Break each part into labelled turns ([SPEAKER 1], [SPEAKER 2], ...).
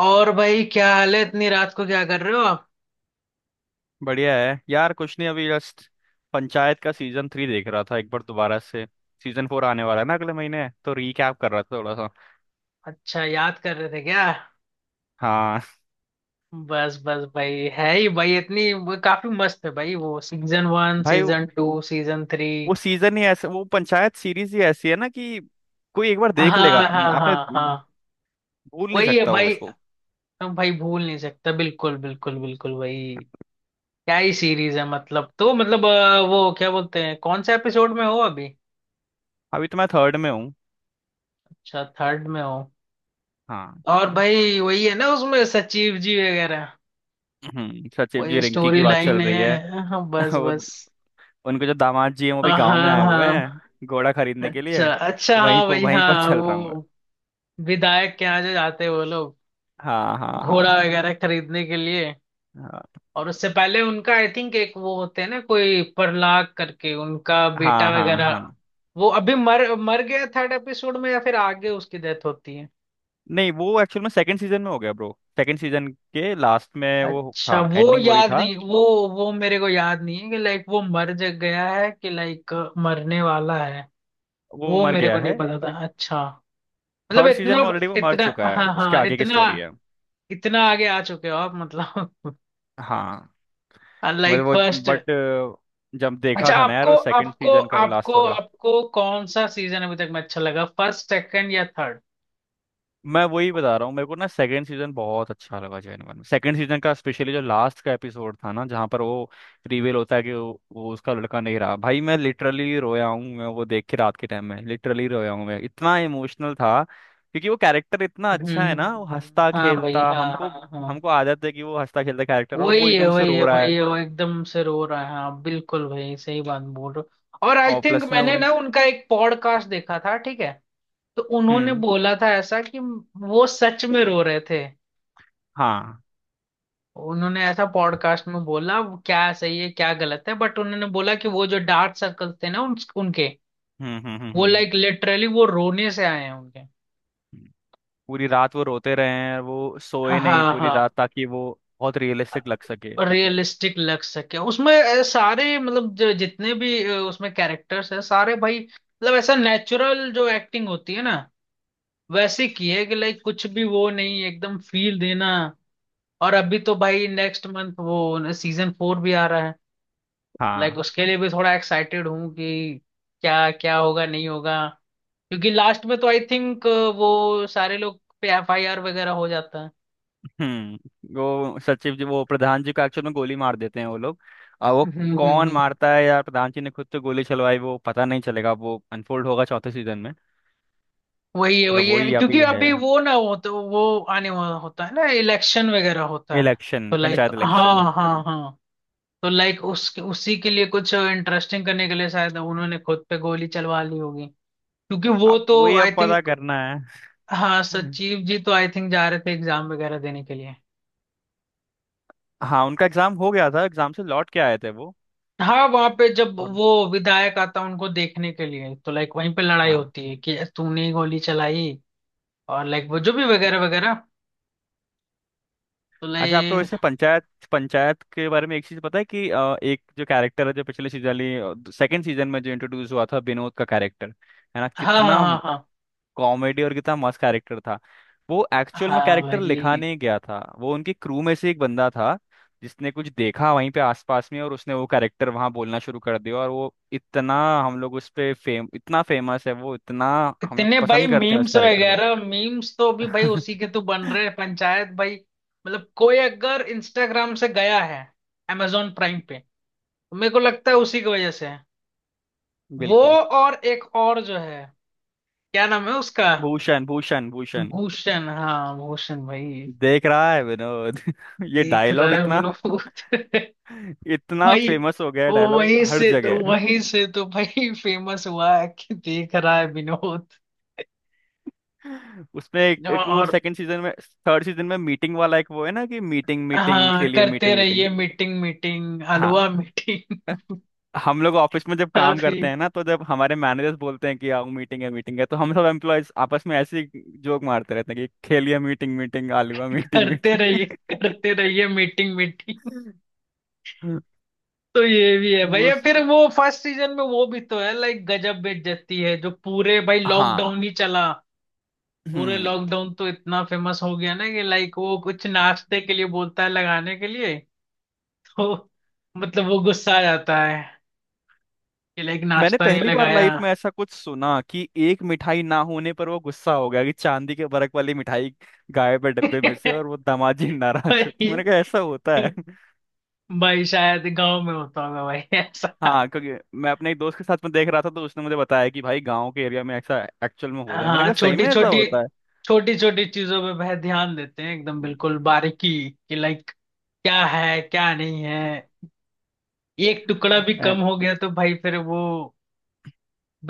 [SPEAKER 1] और भाई, क्या हाल है इतनी रात को, क्या कर रहे हो आप?
[SPEAKER 2] बढ़िया है यार। कुछ नहीं, अभी जस्ट पंचायत का सीजन थ्री देख रहा था एक बार दोबारा से। सीजन फोर आने वाला है ना अगले महीने, तो रीकैप कर रहा था थोड़ा सा।
[SPEAKER 1] अच्छा, याद कर रहे थे क्या?
[SPEAKER 2] हाँ।
[SPEAKER 1] बस बस भाई, है ही भाई, इतनी वो, काफी मस्त है भाई वो, सीजन वन,
[SPEAKER 2] भाई
[SPEAKER 1] सीजन टू, सीजन थ्री।
[SPEAKER 2] वो पंचायत सीरीज ही ऐसी है ना कि कोई एक बार
[SPEAKER 1] हाँ
[SPEAKER 2] देख लेगा।
[SPEAKER 1] हाँ
[SPEAKER 2] आपने
[SPEAKER 1] हाँ हाँ।
[SPEAKER 2] भूल नहीं
[SPEAKER 1] वही है
[SPEAKER 2] सकता वो
[SPEAKER 1] भाई।
[SPEAKER 2] उसको।
[SPEAKER 1] हम भाई, भूल नहीं सकता, बिल्कुल बिल्कुल बिल्कुल भाई। क्या ही सीरीज है, मतलब, तो मतलब वो क्या बोलते हैं, कौन से एपिसोड में हो अभी?
[SPEAKER 2] अभी तो मैं थर्ड में हूँ।
[SPEAKER 1] अच्छा, थर्ड में हो।
[SPEAKER 2] हाँ।
[SPEAKER 1] और भाई वही है ना उसमें, सचिव जी वगैरह।
[SPEAKER 2] सचिव
[SPEAKER 1] वही
[SPEAKER 2] जी रिंकी
[SPEAKER 1] स्टोरी
[SPEAKER 2] की बात
[SPEAKER 1] लाइन
[SPEAKER 2] चल रही है।
[SPEAKER 1] है, हाँ, बस
[SPEAKER 2] वो
[SPEAKER 1] बस
[SPEAKER 2] उनके जो दामाद जी हैं वो भी
[SPEAKER 1] हाँ
[SPEAKER 2] गाँव में आए हुए
[SPEAKER 1] हाँ।
[SPEAKER 2] हैं घोड़ा खरीदने के लिए।
[SPEAKER 1] अच्छा अच्छा, हाँ भाई,
[SPEAKER 2] वहीं पर
[SPEAKER 1] हाँ
[SPEAKER 2] चल रहा हूँ मैं।
[SPEAKER 1] वो विधायक के यहाँ जो जाते हैं वो लोग,
[SPEAKER 2] हाँ, हाँ,
[SPEAKER 1] घोड़ा
[SPEAKER 2] हाँ,
[SPEAKER 1] वगैरह खरीदने के लिए।
[SPEAKER 2] हाँ,
[SPEAKER 1] और उससे पहले उनका, आई थिंक, एक वो होते हैं ना, कोई प्रहलाद करके उनका बेटा
[SPEAKER 2] हाँ, हाँ,
[SPEAKER 1] वगैरह,
[SPEAKER 2] हाँ।
[SPEAKER 1] वो अभी मर मर गया थर्ड एपिसोड में, या फिर आगे उसकी डेथ होती है?
[SPEAKER 2] नहीं, वो एक्चुअल में सेकंड सीजन में हो गया ब्रो। सेकंड सीजन के लास्ट में वो
[SPEAKER 1] अच्छा,
[SPEAKER 2] था,
[SPEAKER 1] वो
[SPEAKER 2] एंडिंग वही
[SPEAKER 1] याद
[SPEAKER 2] था।
[SPEAKER 1] नहीं, वो वो मेरे को याद नहीं है कि लाइक वो मर जग गया है, कि लाइक मरने वाला है।
[SPEAKER 2] वो
[SPEAKER 1] वो
[SPEAKER 2] मर
[SPEAKER 1] मेरे
[SPEAKER 2] गया
[SPEAKER 1] को नहीं
[SPEAKER 2] है।
[SPEAKER 1] पता था। अच्छा, मतलब
[SPEAKER 2] थर्ड
[SPEAKER 1] इतना,
[SPEAKER 2] सीजन में ऑलरेडी वो मर
[SPEAKER 1] इतना,
[SPEAKER 2] चुका है,
[SPEAKER 1] हाँ
[SPEAKER 2] उसके
[SPEAKER 1] हाँ,
[SPEAKER 2] आगे की
[SPEAKER 1] इतना,
[SPEAKER 2] स्टोरी है।
[SPEAKER 1] इतना आगे आ चुके हो आप मतलब?
[SPEAKER 2] हाँ। मतलब
[SPEAKER 1] लाइक
[SPEAKER 2] वो,
[SPEAKER 1] फर्स्ट।
[SPEAKER 2] बट जब देखा
[SPEAKER 1] अच्छा,
[SPEAKER 2] था ना यार,
[SPEAKER 1] आपको
[SPEAKER 2] वो सेकंड
[SPEAKER 1] आपको
[SPEAKER 2] सीजन का वो लास्ट
[SPEAKER 1] आपको
[SPEAKER 2] वाला।
[SPEAKER 1] आपको कौन सा सीजन अभी तक में अच्छा लगा, फर्स्ट, सेकंड या थर्ड?
[SPEAKER 2] मैं वही बता रहा हूँ, मेरे को ना सेकंड सीजन बहुत अच्छा लगा जेनवन में, सेकंड सीजन का स्पेशली जो लास्ट का एपिसोड था ना जहाँ पर वो रिवील होता है कि वो उसका लड़का नहीं रहा। भाई मैं लिटरली रोया हूँ मैं, वो देख के रात के टाइम में लिटरली रोया हूँ मैं, इतना इमोशनल था क्योंकि वो कैरेक्टर इतना अच्छा है ना, वो
[SPEAKER 1] हम्म।
[SPEAKER 2] हंसता
[SPEAKER 1] हाँ भाई,
[SPEAKER 2] खेलता
[SPEAKER 1] हाँ
[SPEAKER 2] हमको।
[SPEAKER 1] हाँ हाँ।
[SPEAKER 2] हमको आदत है कि वो हंसता खेलता कैरेक्टर और वो एकदम से
[SPEAKER 1] वही है
[SPEAKER 2] रो रहा है।
[SPEAKER 1] भाई, वो एकदम से रो रहा है, हाँ, बिल्कुल भाई, सही बात बोल रहे हो। और आई
[SPEAKER 2] और
[SPEAKER 1] थिंक
[SPEAKER 2] प्लस में
[SPEAKER 1] मैंने
[SPEAKER 2] उन।
[SPEAKER 1] ना उनका एक पॉडकास्ट देखा था, ठीक है, तो उन्होंने
[SPEAKER 2] हम्म।
[SPEAKER 1] बोला था ऐसा कि वो सच में रो रहे थे।
[SPEAKER 2] हाँ।
[SPEAKER 1] उन्होंने ऐसा पॉडकास्ट में बोला, वो क्या सही है क्या गलत है, बट उन्होंने बोला कि वो जो डार्क सर्कल्स थे ना उनके
[SPEAKER 2] हम्म। हम्म। हम्म।
[SPEAKER 1] वो,
[SPEAKER 2] हम्म।
[SPEAKER 1] लाइक लिटरली वो रोने से आए हैं उनके।
[SPEAKER 2] हम्म। पूरी रात वो रोते रहे हैं, वो
[SPEAKER 1] हाँ
[SPEAKER 2] सोए नहीं पूरी
[SPEAKER 1] हाँ,
[SPEAKER 2] रात ताकि वो बहुत रियलिस्टिक लग सके।
[SPEAKER 1] रियलिस्टिक लग सके। उसमें सारे, मतलब जितने भी उसमें कैरेक्टर्स हैं सारे भाई, मतलब ऐसा नेचुरल जो एक्टिंग होती है ना, वैसे की है, कि लाइक कुछ भी वो नहीं, एकदम फील देना। और अभी तो भाई नेक्स्ट मंथ वो सीजन फोर भी आ रहा है, लाइक
[SPEAKER 2] हाँ।
[SPEAKER 1] उसके लिए भी थोड़ा एक्साइटेड हूँ, कि क्या क्या होगा, नहीं होगा, क्योंकि लास्ट में तो आई थिंक वो सारे लोग पे एफआईआर वगैरह हो जाता है।
[SPEAKER 2] हम्म, वो सचिव जी वो प्रधान जी को एक्चुअल में गोली मार देते हैं वो लोग। और वो
[SPEAKER 1] हम्म हम्म
[SPEAKER 2] कौन
[SPEAKER 1] हम्म।
[SPEAKER 2] मारता है या प्रधान जी ने खुद तो गोली चलवाई, वो पता नहीं चलेगा, वो अनफोल्ड होगा चौथे सीजन में।
[SPEAKER 1] वही है
[SPEAKER 2] और अब
[SPEAKER 1] वही है,
[SPEAKER 2] वही
[SPEAKER 1] क्योंकि
[SPEAKER 2] अभी है।
[SPEAKER 1] अभी वो ना हो तो वो आने वाला होता है ना, इलेक्शन वगैरह होता है,
[SPEAKER 2] इलेक्शन,
[SPEAKER 1] तो लाइक,
[SPEAKER 2] पंचायत इलेक्शन।
[SPEAKER 1] हाँ हाँ हाँ, तो लाइक उसके, उसी के लिए कुछ इंटरेस्टिंग करने के लिए शायद उन्होंने खुद पे गोली चलवा ली होगी, क्योंकि वो
[SPEAKER 2] अब
[SPEAKER 1] तो,
[SPEAKER 2] वही,
[SPEAKER 1] आई
[SPEAKER 2] अब पता
[SPEAKER 1] थिंक,
[SPEAKER 2] करना है।
[SPEAKER 1] हाँ, सचिव जी तो आई थिंक जा रहे थे एग्जाम वगैरह देने के लिए,
[SPEAKER 2] हाँ उनका एग्जाम हो गया था, एग्जाम से लौट के आए थे वो।
[SPEAKER 1] हाँ, वहां पे जब
[SPEAKER 2] और।
[SPEAKER 1] वो विधायक आता है उनको देखने के लिए, तो लाइक वहीं पे लड़ाई
[SPEAKER 2] हाँ।
[SPEAKER 1] होती है कि तूने ही गोली चलाई, और लाइक वो जो भी वगैरह वगैरह, तो
[SPEAKER 2] अच्छा आपको
[SPEAKER 1] लाइक।
[SPEAKER 2] वैसे पंचायत पंचायत के बारे में एक चीज पता है कि एक जो कैरेक्टर है जो पिछले सीजन सेकंड सीजन में जो इंट्रोड्यूस हुआ था, विनोद का कैरेक्टर है ना,
[SPEAKER 1] हाँ हाँ
[SPEAKER 2] कितना
[SPEAKER 1] हाँ हाँ,
[SPEAKER 2] कॉमेडी और कितना मस्त कैरेक्टर था। वो एक्चुअल में
[SPEAKER 1] हाँ
[SPEAKER 2] कैरेक्टर लिखा
[SPEAKER 1] भाई,
[SPEAKER 2] नहीं गया था, वो उनकी क्रू में से एक बंदा था जिसने कुछ देखा वहीं पे आसपास में और उसने वो कैरेक्टर वहां बोलना शुरू कर दिया और वो इतना। हम लोग उस पे फेम, इतना फेमस है वो, इतना। हम लोग
[SPEAKER 1] कितने भाई
[SPEAKER 2] पसंद करते हैं उस
[SPEAKER 1] मीम्स
[SPEAKER 2] कैरेक्टर को।
[SPEAKER 1] वगैरह, मीम्स तो अभी भाई उसी के तो बन रहे हैं पंचायत भाई। मतलब कोई अगर इंस्टाग्राम से गया है amazon प्राइम पे, तो मेरे को लगता है उसी की वजह से है। वो,
[SPEAKER 2] बिल्कुल।
[SPEAKER 1] और एक और जो है, क्या नाम है उसका?
[SPEAKER 2] भूषण, भूषण, भूषण।
[SPEAKER 1] भूषण, हाँ भूषण भाई,
[SPEAKER 2] देख रहा है विनोद ये
[SPEAKER 1] देख रहा
[SPEAKER 2] डायलॉग
[SPEAKER 1] है
[SPEAKER 2] इतना।
[SPEAKER 1] विनोद
[SPEAKER 2] इतना
[SPEAKER 1] भाई
[SPEAKER 2] फेमस हो गया
[SPEAKER 1] वो
[SPEAKER 2] डायलॉग
[SPEAKER 1] वहीं
[SPEAKER 2] हर
[SPEAKER 1] से तो,
[SPEAKER 2] जगह।
[SPEAKER 1] वहीं से तो भाई फेमस हुआ है कि देख रहा है विनोद,
[SPEAKER 2] उसमें एक वो
[SPEAKER 1] और
[SPEAKER 2] सेकंड सीजन में। थर्ड सीजन में मीटिंग वाला एक वो है ना कि मीटिंग मीटिंग
[SPEAKER 1] हाँ,
[SPEAKER 2] खेलिए
[SPEAKER 1] करते
[SPEAKER 2] मीटिंग मीटिंग।
[SPEAKER 1] रहिए मीटिंग मीटिंग
[SPEAKER 2] हाँ।
[SPEAKER 1] हलवा
[SPEAKER 2] अ,
[SPEAKER 1] मीटिंग,
[SPEAKER 2] हम लोग ऑफिस में जब काम
[SPEAKER 1] काफी,
[SPEAKER 2] करते हैं ना, तो जब हमारे मैनेजर्स बोलते हैं कि आओ मीटिंग है मीटिंग है, तो हम सब एम्प्लॉयज आपस में ऐसे जोक मारते रहते हैं कि खेलिए मीटिंग मीटिंग, आलूआ मीटिंग
[SPEAKER 1] करते
[SPEAKER 2] मीटिंग।
[SPEAKER 1] रहिए, करते रहिए मीटिंग मीटिंग। तो ये भी है
[SPEAKER 2] वो
[SPEAKER 1] भैया,
[SPEAKER 2] स-
[SPEAKER 1] फिर वो फर्स्ट सीजन में वो भी तो है, लाइक गजब बेइज्जती है, जो पूरे भाई
[SPEAKER 2] हाँ।
[SPEAKER 1] लॉकडाउन ही चला, पूरे
[SPEAKER 2] हम्म।
[SPEAKER 1] लॉकडाउन तो इतना फेमस हो गया ना, कि लाइक वो कुछ नाश्ते के लिए बोलता है लगाने के लिए, वो, मतलब वो गुस्सा आ जाता है कि लाइक
[SPEAKER 2] मैंने
[SPEAKER 1] नाश्ता नहीं
[SPEAKER 2] पहली बार
[SPEAKER 1] लगाया।
[SPEAKER 2] लाइफ में ऐसा कुछ सुना कि एक मिठाई ना होने पर वो गुस्सा हो गया, कि चांदी के बरक वाली मिठाई गायब है डब्बे में से और वो दामाजी नाराज हो गए।
[SPEAKER 1] भाई,
[SPEAKER 2] मैंने कहा ऐसा होता है।
[SPEAKER 1] भाई शायद गांव में होता होगा भाई ऐसा।
[SPEAKER 2] हाँ क्योंकि मैं अपने एक दोस्त के साथ में देख रहा था, तो उसने मुझे बताया कि भाई गांव के एरिया में ऐसा एक्चुअल में होता है, मैंने
[SPEAKER 1] हाँ,
[SPEAKER 2] कहा सही
[SPEAKER 1] छोटी
[SPEAKER 2] में ऐसा
[SPEAKER 1] छोटी,
[SPEAKER 2] होता
[SPEAKER 1] छोटी छोटी चीजों पे वह ध्यान देते हैं, एकदम
[SPEAKER 2] है।
[SPEAKER 1] बिल्कुल बारीकी कि लाइक क्या है क्या नहीं है, एक टुकड़ा भी कम
[SPEAKER 2] एंड।
[SPEAKER 1] हो गया तो भाई फिर वो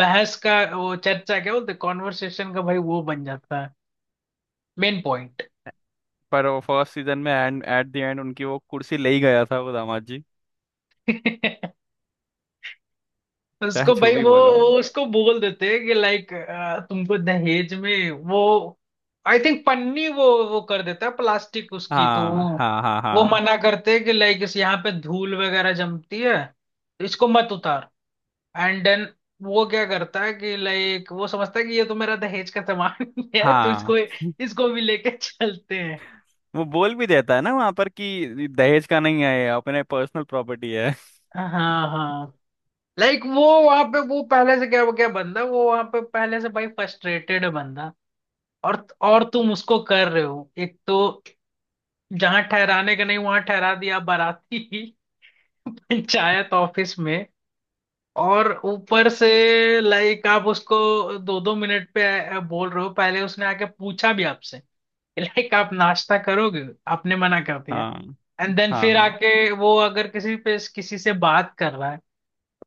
[SPEAKER 1] बहस का, वो चर्चा, क्या बोलते, कॉन्वर्सेशन का भाई वो बन जाता है मेन
[SPEAKER 2] पर वो फर्स्ट सीजन में एंड एट द एंड उनकी वो कुर्सी ले ही गया था वो दामाद जी।
[SPEAKER 1] पॉइंट।
[SPEAKER 2] चाहे
[SPEAKER 1] उसको
[SPEAKER 2] जो
[SPEAKER 1] भाई
[SPEAKER 2] भी
[SPEAKER 1] वो
[SPEAKER 2] बोलो
[SPEAKER 1] वो
[SPEAKER 2] आप।
[SPEAKER 1] उसको बोल देते हैं कि लाइक तुमको दहेज में वो, आई थिंक, पन्नी, वो कर देता है प्लास्टिक उसकी, तो
[SPEAKER 2] हाँ,
[SPEAKER 1] वो
[SPEAKER 2] हाँ, हाँ,
[SPEAKER 1] वो
[SPEAKER 2] हाँ,
[SPEAKER 1] मना करते हैं कि लाइक इस, यहाँ पे धूल वगैरह जमती है, तो इसको मत उतार, एंड देन वो क्या करता है कि लाइक वो समझता है कि ये तो मेरा दहेज का सामान है, तो इसको,
[SPEAKER 2] हाँ।
[SPEAKER 1] इसको भी लेके चलते हैं।
[SPEAKER 2] वो बोल भी देता है ना वहां पर कि दहेज का नहीं है ये, अपने पर्सनल प्रॉपर्टी है।
[SPEAKER 1] हाँ हाँ। लाइक वो वहां पे, वो पहले से, क्या क्या बंदा, वो वहां पे पहले से भाई फ्रस्ट्रेटेड है बंदा, और तुम उसको कर रहे हो, एक तो जहां ठहराने का नहीं वहां ठहरा दिया बाराती पंचायत ऑफिस में, और ऊपर से लाइक आप उसको दो दो मिनट पे बोल रहे हो, पहले उसने आके पूछा भी आपसे, लाइक आप नाश्ता करोगे, आपने मना कर दिया,
[SPEAKER 2] हाँ,
[SPEAKER 1] एंड देन फिर
[SPEAKER 2] हाँ।
[SPEAKER 1] आके वो अगर किसी पे किसी से बात कर रहा है,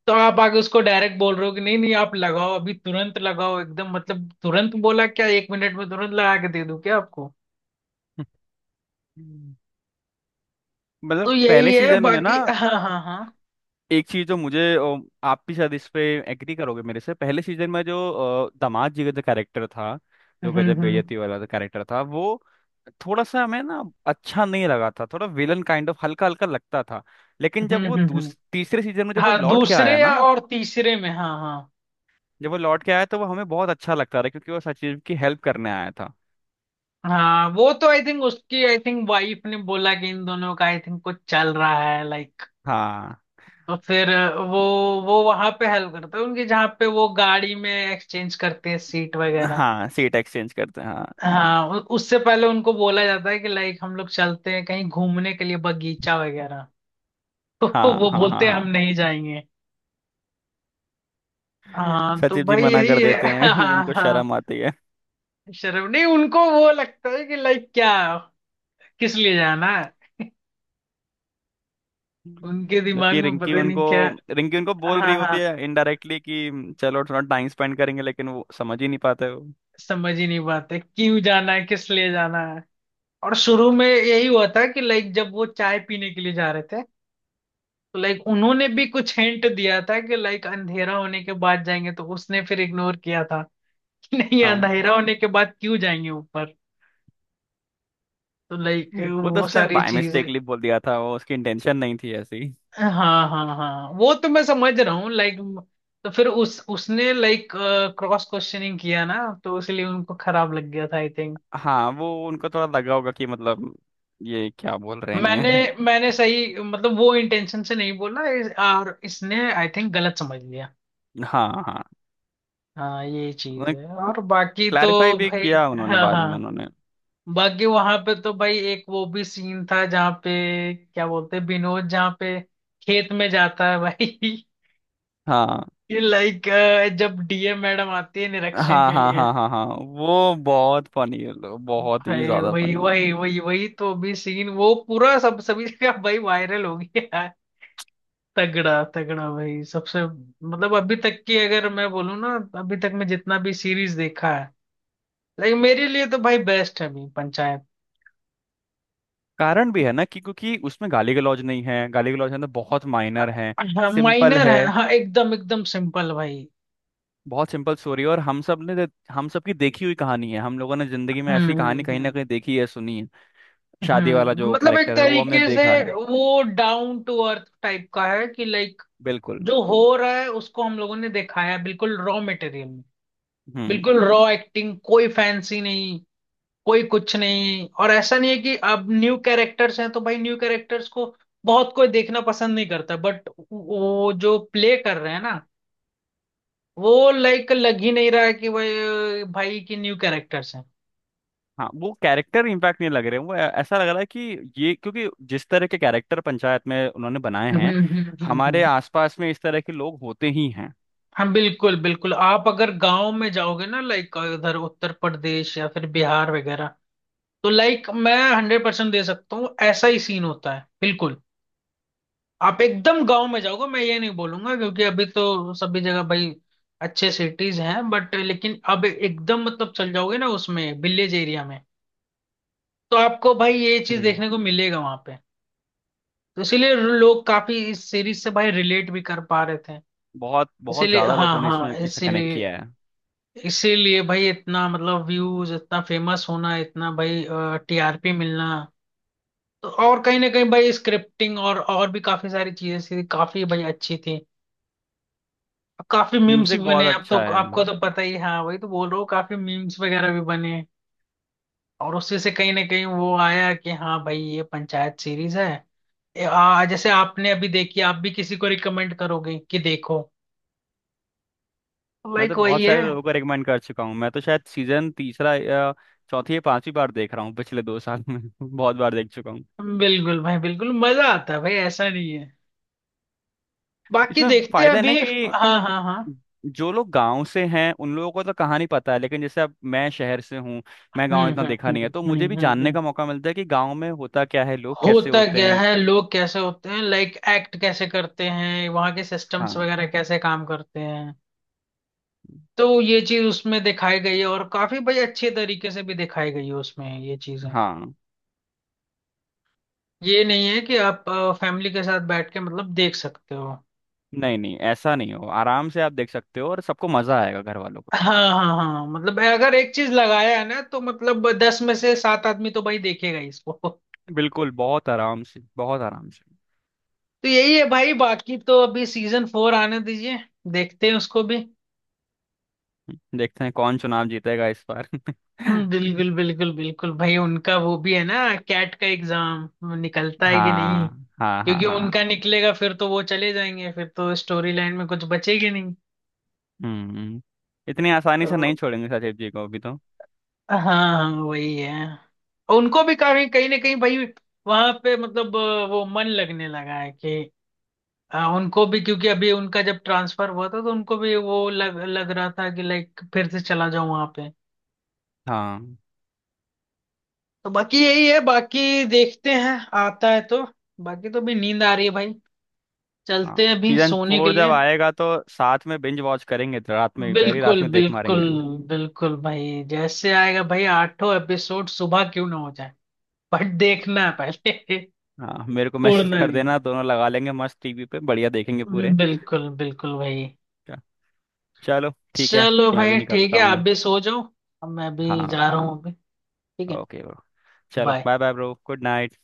[SPEAKER 1] तो आप आगे उसको डायरेक्ट बोल रहे हो कि नहीं नहीं आप लगाओ अभी तुरंत लगाओ एकदम, मतलब तुरंत बोला क्या, एक मिनट में तुरंत लगा के दे दूं क्या आपको?
[SPEAKER 2] हम्म।
[SPEAKER 1] तो
[SPEAKER 2] मतलब पहले
[SPEAKER 1] यही है
[SPEAKER 2] सीजन में ना
[SPEAKER 1] बाकी हाँ हाँ हाँ।
[SPEAKER 2] एक चीज जो मुझे आप भी शायद इस पे एग्री करोगे मेरे से, पहले सीजन में जो दामाद जी का जो कैरेक्टर था, जो
[SPEAKER 1] हम्म
[SPEAKER 2] गजब
[SPEAKER 1] हम्म
[SPEAKER 2] बेइज्जती वाला जो कैरेक्टर था, वो थोड़ा सा हमें ना अच्छा नहीं लगा था, थोड़ा विलन काइंड ऑफ हल्का हल्का लगता था। लेकिन जब
[SPEAKER 1] हम्म
[SPEAKER 2] वो
[SPEAKER 1] हम्म हम्म।
[SPEAKER 2] दूस तीसरे सीजन में जब वो
[SPEAKER 1] हाँ
[SPEAKER 2] लौट के आया
[SPEAKER 1] दूसरे
[SPEAKER 2] ना,
[SPEAKER 1] या और तीसरे में, हाँ हाँ।
[SPEAKER 2] जब वो लौट के आया तो वो हमें बहुत अच्छा लगता रहा क्योंकि वो सचिव की हेल्प करने आया था।
[SPEAKER 1] हाँ वो तो आई थिंक उसकी, आई थिंक वाइफ ने बोला कि इन दोनों का आई थिंक कुछ चल रहा है लाइक,
[SPEAKER 2] हाँ।
[SPEAKER 1] तो फिर वो वो वहां पे हेल्प करता है उनके, जहाँ पे वो गाड़ी में एक्सचेंज करते हैं सीट वगैरह,
[SPEAKER 2] हाँ सीट एक्सचेंज करते हैं हाँ।
[SPEAKER 1] हाँ, उससे पहले उनको बोला जाता है कि लाइक हम लोग चलते हैं कहीं घूमने के लिए बगीचा वगैरह तो
[SPEAKER 2] हाँ,
[SPEAKER 1] वो
[SPEAKER 2] हाँ,
[SPEAKER 1] बोलते हैं
[SPEAKER 2] हाँ,
[SPEAKER 1] हम नहीं जाएंगे।
[SPEAKER 2] हाँ।
[SPEAKER 1] हाँ, तो
[SPEAKER 2] सचिव जी
[SPEAKER 1] भाई
[SPEAKER 2] मना
[SPEAKER 1] यही
[SPEAKER 2] कर
[SPEAKER 1] है
[SPEAKER 2] देते हैं
[SPEAKER 1] हाँ
[SPEAKER 2] उनको
[SPEAKER 1] हाँ,
[SPEAKER 2] शर्म आती है।
[SPEAKER 1] शर्म नहीं, उनको वो लगता है कि लाइक क्या, किस लिए जाना है, उनके दिमाग
[SPEAKER 2] जबकि
[SPEAKER 1] में पता नहीं क्या।
[SPEAKER 2] रिंकी उनको बोल
[SPEAKER 1] हाँ
[SPEAKER 2] रही होती
[SPEAKER 1] हाँ,
[SPEAKER 2] है इनडायरेक्टली कि चलो थोड़ा टाइम स्पेंड करेंगे, लेकिन वो समझ ही नहीं पाते वो।
[SPEAKER 1] समझ ही नहीं पाते, क्यों जाना है, किस लिए जाना है। और शुरू में यही हुआ था, कि लाइक जब वो चाय पीने के लिए जा रहे थे, तो लाइक उन्होंने भी कुछ हिंट दिया था कि लाइक अंधेरा होने के बाद जाएंगे, तो उसने फिर इग्नोर किया था कि नहीं,
[SPEAKER 2] हाँ
[SPEAKER 1] अंधेरा होने के बाद क्यों जाएंगे ऊपर, तो लाइक
[SPEAKER 2] वो तो
[SPEAKER 1] वो
[SPEAKER 2] उसने
[SPEAKER 1] सारी
[SPEAKER 2] बाय
[SPEAKER 1] चीजें।
[SPEAKER 2] मिस्टेकली बोल दिया था, वो उसकी इंटेंशन नहीं थी ऐसी।
[SPEAKER 1] हाँ हाँ हाँ, वो तो मैं समझ रहा हूँ लाइक, तो फिर उस उसने लाइक क्रॉस क्वेश्चनिंग किया ना, तो इसलिए उनको खराब लग गया था आई थिंक।
[SPEAKER 2] हाँ वो उनको थोड़ा लगा होगा कि मतलब ये क्या बोल रहे
[SPEAKER 1] मैंने
[SPEAKER 2] हैं।
[SPEAKER 1] मैंने सही, मतलब वो इंटेंशन से नहीं बोला और इसने आई थिंक गलत समझ लिया।
[SPEAKER 2] हाँ, हाँ।
[SPEAKER 1] हाँ ये चीज है, और बाकी तो
[SPEAKER 2] क्लैरिफाई भी
[SPEAKER 1] भाई।
[SPEAKER 2] किया उन्होंने
[SPEAKER 1] हाँ
[SPEAKER 2] बाद में
[SPEAKER 1] हाँ।
[SPEAKER 2] उन्होंने।
[SPEAKER 1] बाकी वहां पे तो भाई एक वो भी सीन था, जहाँ पे क्या बोलते हैं विनोद, जहाँ पे खेत में जाता है भाई
[SPEAKER 2] हाँ,
[SPEAKER 1] लाइक, जब डीएम मैडम आती है निरीक्षण
[SPEAKER 2] हाँ,
[SPEAKER 1] के
[SPEAKER 2] हाँ,
[SPEAKER 1] लिए।
[SPEAKER 2] हाँ, हाँ, हाँ। वो बहुत फनी, बहुत ही
[SPEAKER 1] भाई
[SPEAKER 2] ज्यादा
[SPEAKER 1] वही
[SPEAKER 2] फनी।
[SPEAKER 1] वही वही वही, तो अभी सीन वो पूरा सब, सभी जगह भाई वायरल हो गया है, तगड़ा तगड़ा भाई सबसे, मतलब अभी तक की, अगर मैं बोलूँ ना अभी तक मैं जितना भी सीरीज देखा है, लेकिन मेरे लिए तो भाई बेस्ट है अभी पंचायत।
[SPEAKER 2] कारण भी है ना कि क्योंकि उसमें गाली गलौज नहीं है, गाली गलौज है तो बहुत माइनर है।
[SPEAKER 1] हाँ
[SPEAKER 2] सिंपल
[SPEAKER 1] माइनर
[SPEAKER 2] है,
[SPEAKER 1] है, हाँ एकदम एकदम सिंपल भाई।
[SPEAKER 2] बहुत सिंपल स्टोरी है और हम सब की देखी हुई कहानी है, हम लोगों ने जिंदगी में ऐसी
[SPEAKER 1] हम्म
[SPEAKER 2] कहानी कहीं ना
[SPEAKER 1] हम्म
[SPEAKER 2] कहीं देखी है, सुनी है। शादी वाला जो
[SPEAKER 1] मतलब एक
[SPEAKER 2] कैरेक्टर है वो हमने
[SPEAKER 1] तरीके से
[SPEAKER 2] देखा है।
[SPEAKER 1] वो डाउन टू अर्थ टाइप का है, कि लाइक
[SPEAKER 2] बिल्कुल।
[SPEAKER 1] जो हो रहा है उसको हम लोगों ने दिखाया है, बिल्कुल रॉ मटेरियल,
[SPEAKER 2] हम्म।
[SPEAKER 1] बिल्कुल रॉ एक्टिंग, कोई फैंसी नहीं, कोई कुछ नहीं। और ऐसा नहीं है कि अब न्यू कैरेक्टर्स हैं तो भाई न्यू कैरेक्टर्स को बहुत कोई देखना पसंद नहीं करता, बट वो जो प्ले कर रहे हैं ना, वो लाइक लग ही नहीं रहा है कि भाई, भाई की न्यू कैरेक्टर्स हैं।
[SPEAKER 2] हाँ वो कैरेक्टर इम्पैक्ट नहीं लग रहे हैं, वो ऐसा लग रहा है कि ये क्योंकि जिस तरह के कैरेक्टर पंचायत में उन्होंने बनाए
[SPEAKER 1] हम्म
[SPEAKER 2] हैं,
[SPEAKER 1] हम्म हम्म
[SPEAKER 2] हमारे
[SPEAKER 1] हम्म।
[SPEAKER 2] आसपास में इस तरह के लोग होते ही हैं।
[SPEAKER 1] हाँ बिल्कुल बिल्कुल, आप अगर गांव में जाओगे ना लाइक इधर, उत्तर प्रदेश या फिर बिहार वगैरह, तो लाइक मैं 100% दे सकता हूँ ऐसा ही सीन होता है, बिल्कुल। आप एकदम गांव में जाओगे, मैं ये नहीं बोलूंगा क्योंकि अभी तो सभी जगह भाई अच्छे सिटीज हैं, बट लेकिन अब एकदम मतलब चल जाओगे ना उसमें विलेज एरिया में, तो आपको भाई ये चीज
[SPEAKER 2] हम्म।
[SPEAKER 1] देखने को मिलेगा वहां पे। तो इसीलिए लोग काफी इस सीरीज से भाई रिलेट भी कर पा रहे थे,
[SPEAKER 2] बहुत, बहुत
[SPEAKER 1] इसीलिए,
[SPEAKER 2] ज्यादा
[SPEAKER 1] हाँ
[SPEAKER 2] लोगों ने इसमें
[SPEAKER 1] हाँ,
[SPEAKER 2] इससे कनेक्ट
[SPEAKER 1] इसीलिए,
[SPEAKER 2] किया है।
[SPEAKER 1] इसीलिए भाई इतना, मतलब व्यूज, इतना फेमस होना, इतना भाई टीआरपी मिलना, तो, और कहीं ना कहीं भाई स्क्रिप्टिंग, और भी काफी सारी चीजें थी, काफी भाई अच्छी थी, अब काफी मीम्स भी
[SPEAKER 2] म्यूजिक बहुत
[SPEAKER 1] बने अब, तो
[SPEAKER 2] अच्छा है।
[SPEAKER 1] आपको तो पता ही है, हाँ वही तो बोल रहा हूँ, काफी मीम्स वगैरह भी बने, और उससे से कहीं ना कहीं वो आया कि हाँ भाई ये पंचायत सीरीज है, जैसे आपने अभी देखी, आप भी किसी को रिकमेंड करोगे कि देखो
[SPEAKER 2] मैं तो
[SPEAKER 1] लाइक,
[SPEAKER 2] बहुत
[SPEAKER 1] वही है।
[SPEAKER 2] सारे लोगों को रिकमेंड कर चुका हूँ, मैं तो शायद सीजन तीसरा या चौथी या पांचवी बार देख रहा हूँ पिछले 2 साल में बहुत बार देख चुका हूँ।
[SPEAKER 1] बिल्कुल भाई, बिल्कुल मजा आता है भाई, ऐसा नहीं है, बाकी
[SPEAKER 2] इसमें
[SPEAKER 1] देखते हैं
[SPEAKER 2] फायदा है ना
[SPEAKER 1] अभी,
[SPEAKER 2] कि
[SPEAKER 1] हाँ हाँ हाँ।
[SPEAKER 2] जो लोग गांव से हैं उन लोगों को तो कहानी पता है, लेकिन जैसे अब मैं शहर से हूँ, मैं गांव
[SPEAKER 1] हम्म
[SPEAKER 2] इतना
[SPEAKER 1] हम्म
[SPEAKER 2] देखा नहीं है
[SPEAKER 1] हम्म
[SPEAKER 2] तो मुझे भी
[SPEAKER 1] हम्म हम्म
[SPEAKER 2] जानने
[SPEAKER 1] हम्म।
[SPEAKER 2] का मौका मिलता है कि गांव में होता क्या है, लोग कैसे
[SPEAKER 1] होता
[SPEAKER 2] होते
[SPEAKER 1] क्या
[SPEAKER 2] हैं।
[SPEAKER 1] है, लोग कैसे होते हैं, लाइक एक्ट कैसे करते हैं, वहाँ के सिस्टम्स
[SPEAKER 2] हाँ,
[SPEAKER 1] वगैरह कैसे काम करते हैं, तो ये चीज उसमें दिखाई गई है, और काफी भाई अच्छे तरीके से भी दिखाई गई है उसमें ये चीजें।
[SPEAKER 2] हाँ।
[SPEAKER 1] ये नहीं है कि आप फैमिली के साथ बैठ के मतलब देख सकते हो।
[SPEAKER 2] नहीं, नहीं, ऐसा नहीं हो, आराम से आप देख सकते हो और सबको मजा आएगा घर वालों को।
[SPEAKER 1] हाँ हाँ हाँ हाँ, मतलब अगर एक चीज लगाया है ना, तो मतलब 10 में से सात आदमी तो भाई देखेगा ही इसको
[SPEAKER 2] बिल्कुल, बहुत आराम से, बहुत आराम से।
[SPEAKER 1] तो यही है भाई, बाकी तो अभी सीजन फोर आने दीजिए, देखते हैं उसको भी।
[SPEAKER 2] देखते हैं कौन चुनाव जीतेगा इस बार।
[SPEAKER 1] बिल्कुल बिल्कुल बिल्कुल भाई, उनका वो भी है ना, कैट का एग्जाम निकलता है कि नहीं,
[SPEAKER 2] हाँ, हाँ, हाँ,
[SPEAKER 1] क्योंकि
[SPEAKER 2] हाँ।
[SPEAKER 1] उनका निकलेगा फिर तो वो चले जाएंगे, फिर तो स्टोरी लाइन में कुछ बचेगी,
[SPEAKER 2] हम्म। इतनी आसानी से नहीं
[SPEAKER 1] तो,
[SPEAKER 2] छोड़ेंगे सचिव जी को अभी तो।
[SPEAKER 1] हाँ हाँ वही है। और उनको भी कहीं कहीं ना कहीं भाई वहां पे, मतलब वो मन लगने लगा है कि उनको भी, क्योंकि अभी उनका जब ट्रांसफर हुआ था तो उनको भी वो लग लग रहा था कि लाइक फिर से चला जाऊं वहां पे,
[SPEAKER 2] हाँ,
[SPEAKER 1] तो बाकी यही है, बाकी देखते हैं, आता है तो। बाकी तो भी नींद आ रही है भाई,
[SPEAKER 2] हाँ।
[SPEAKER 1] चलते हैं अभी
[SPEAKER 2] सीजन
[SPEAKER 1] सोने के
[SPEAKER 2] फोर
[SPEAKER 1] लिए।
[SPEAKER 2] जब आएगा तो साथ में बिंज वॉच करेंगे रात में ही, पहली रात
[SPEAKER 1] बिल्कुल
[SPEAKER 2] में देख
[SPEAKER 1] बिल्कुल
[SPEAKER 2] मारेंगे।
[SPEAKER 1] बिल्कुल भाई, जैसे आएगा भाई आठों एपिसोड, सुबह क्यों ना हो जाए, बट देखना है पहले
[SPEAKER 2] हाँ मेरे को मैसेज
[SPEAKER 1] छोड़ना
[SPEAKER 2] कर
[SPEAKER 1] नहीं,
[SPEAKER 2] देना, दोनों लगा लेंगे मस्त टीवी पे, बढ़िया देखेंगे पूरे।
[SPEAKER 1] बिल्कुल बिल्कुल भाई।
[SPEAKER 2] च- चलो ठीक है।
[SPEAKER 1] चलो
[SPEAKER 2] मैं भी
[SPEAKER 1] भाई ठीक
[SPEAKER 2] निकलता
[SPEAKER 1] है, आप
[SPEAKER 2] हूँ।
[SPEAKER 1] भी सो जाओ, अब मैं भी
[SPEAKER 2] हाँ
[SPEAKER 1] जा
[SPEAKER 2] ब्रो।
[SPEAKER 1] रहा हूँ अभी, ठीक है,
[SPEAKER 2] ओके ब्रो। चलो,
[SPEAKER 1] bye.
[SPEAKER 2] Bye bye bro, good night.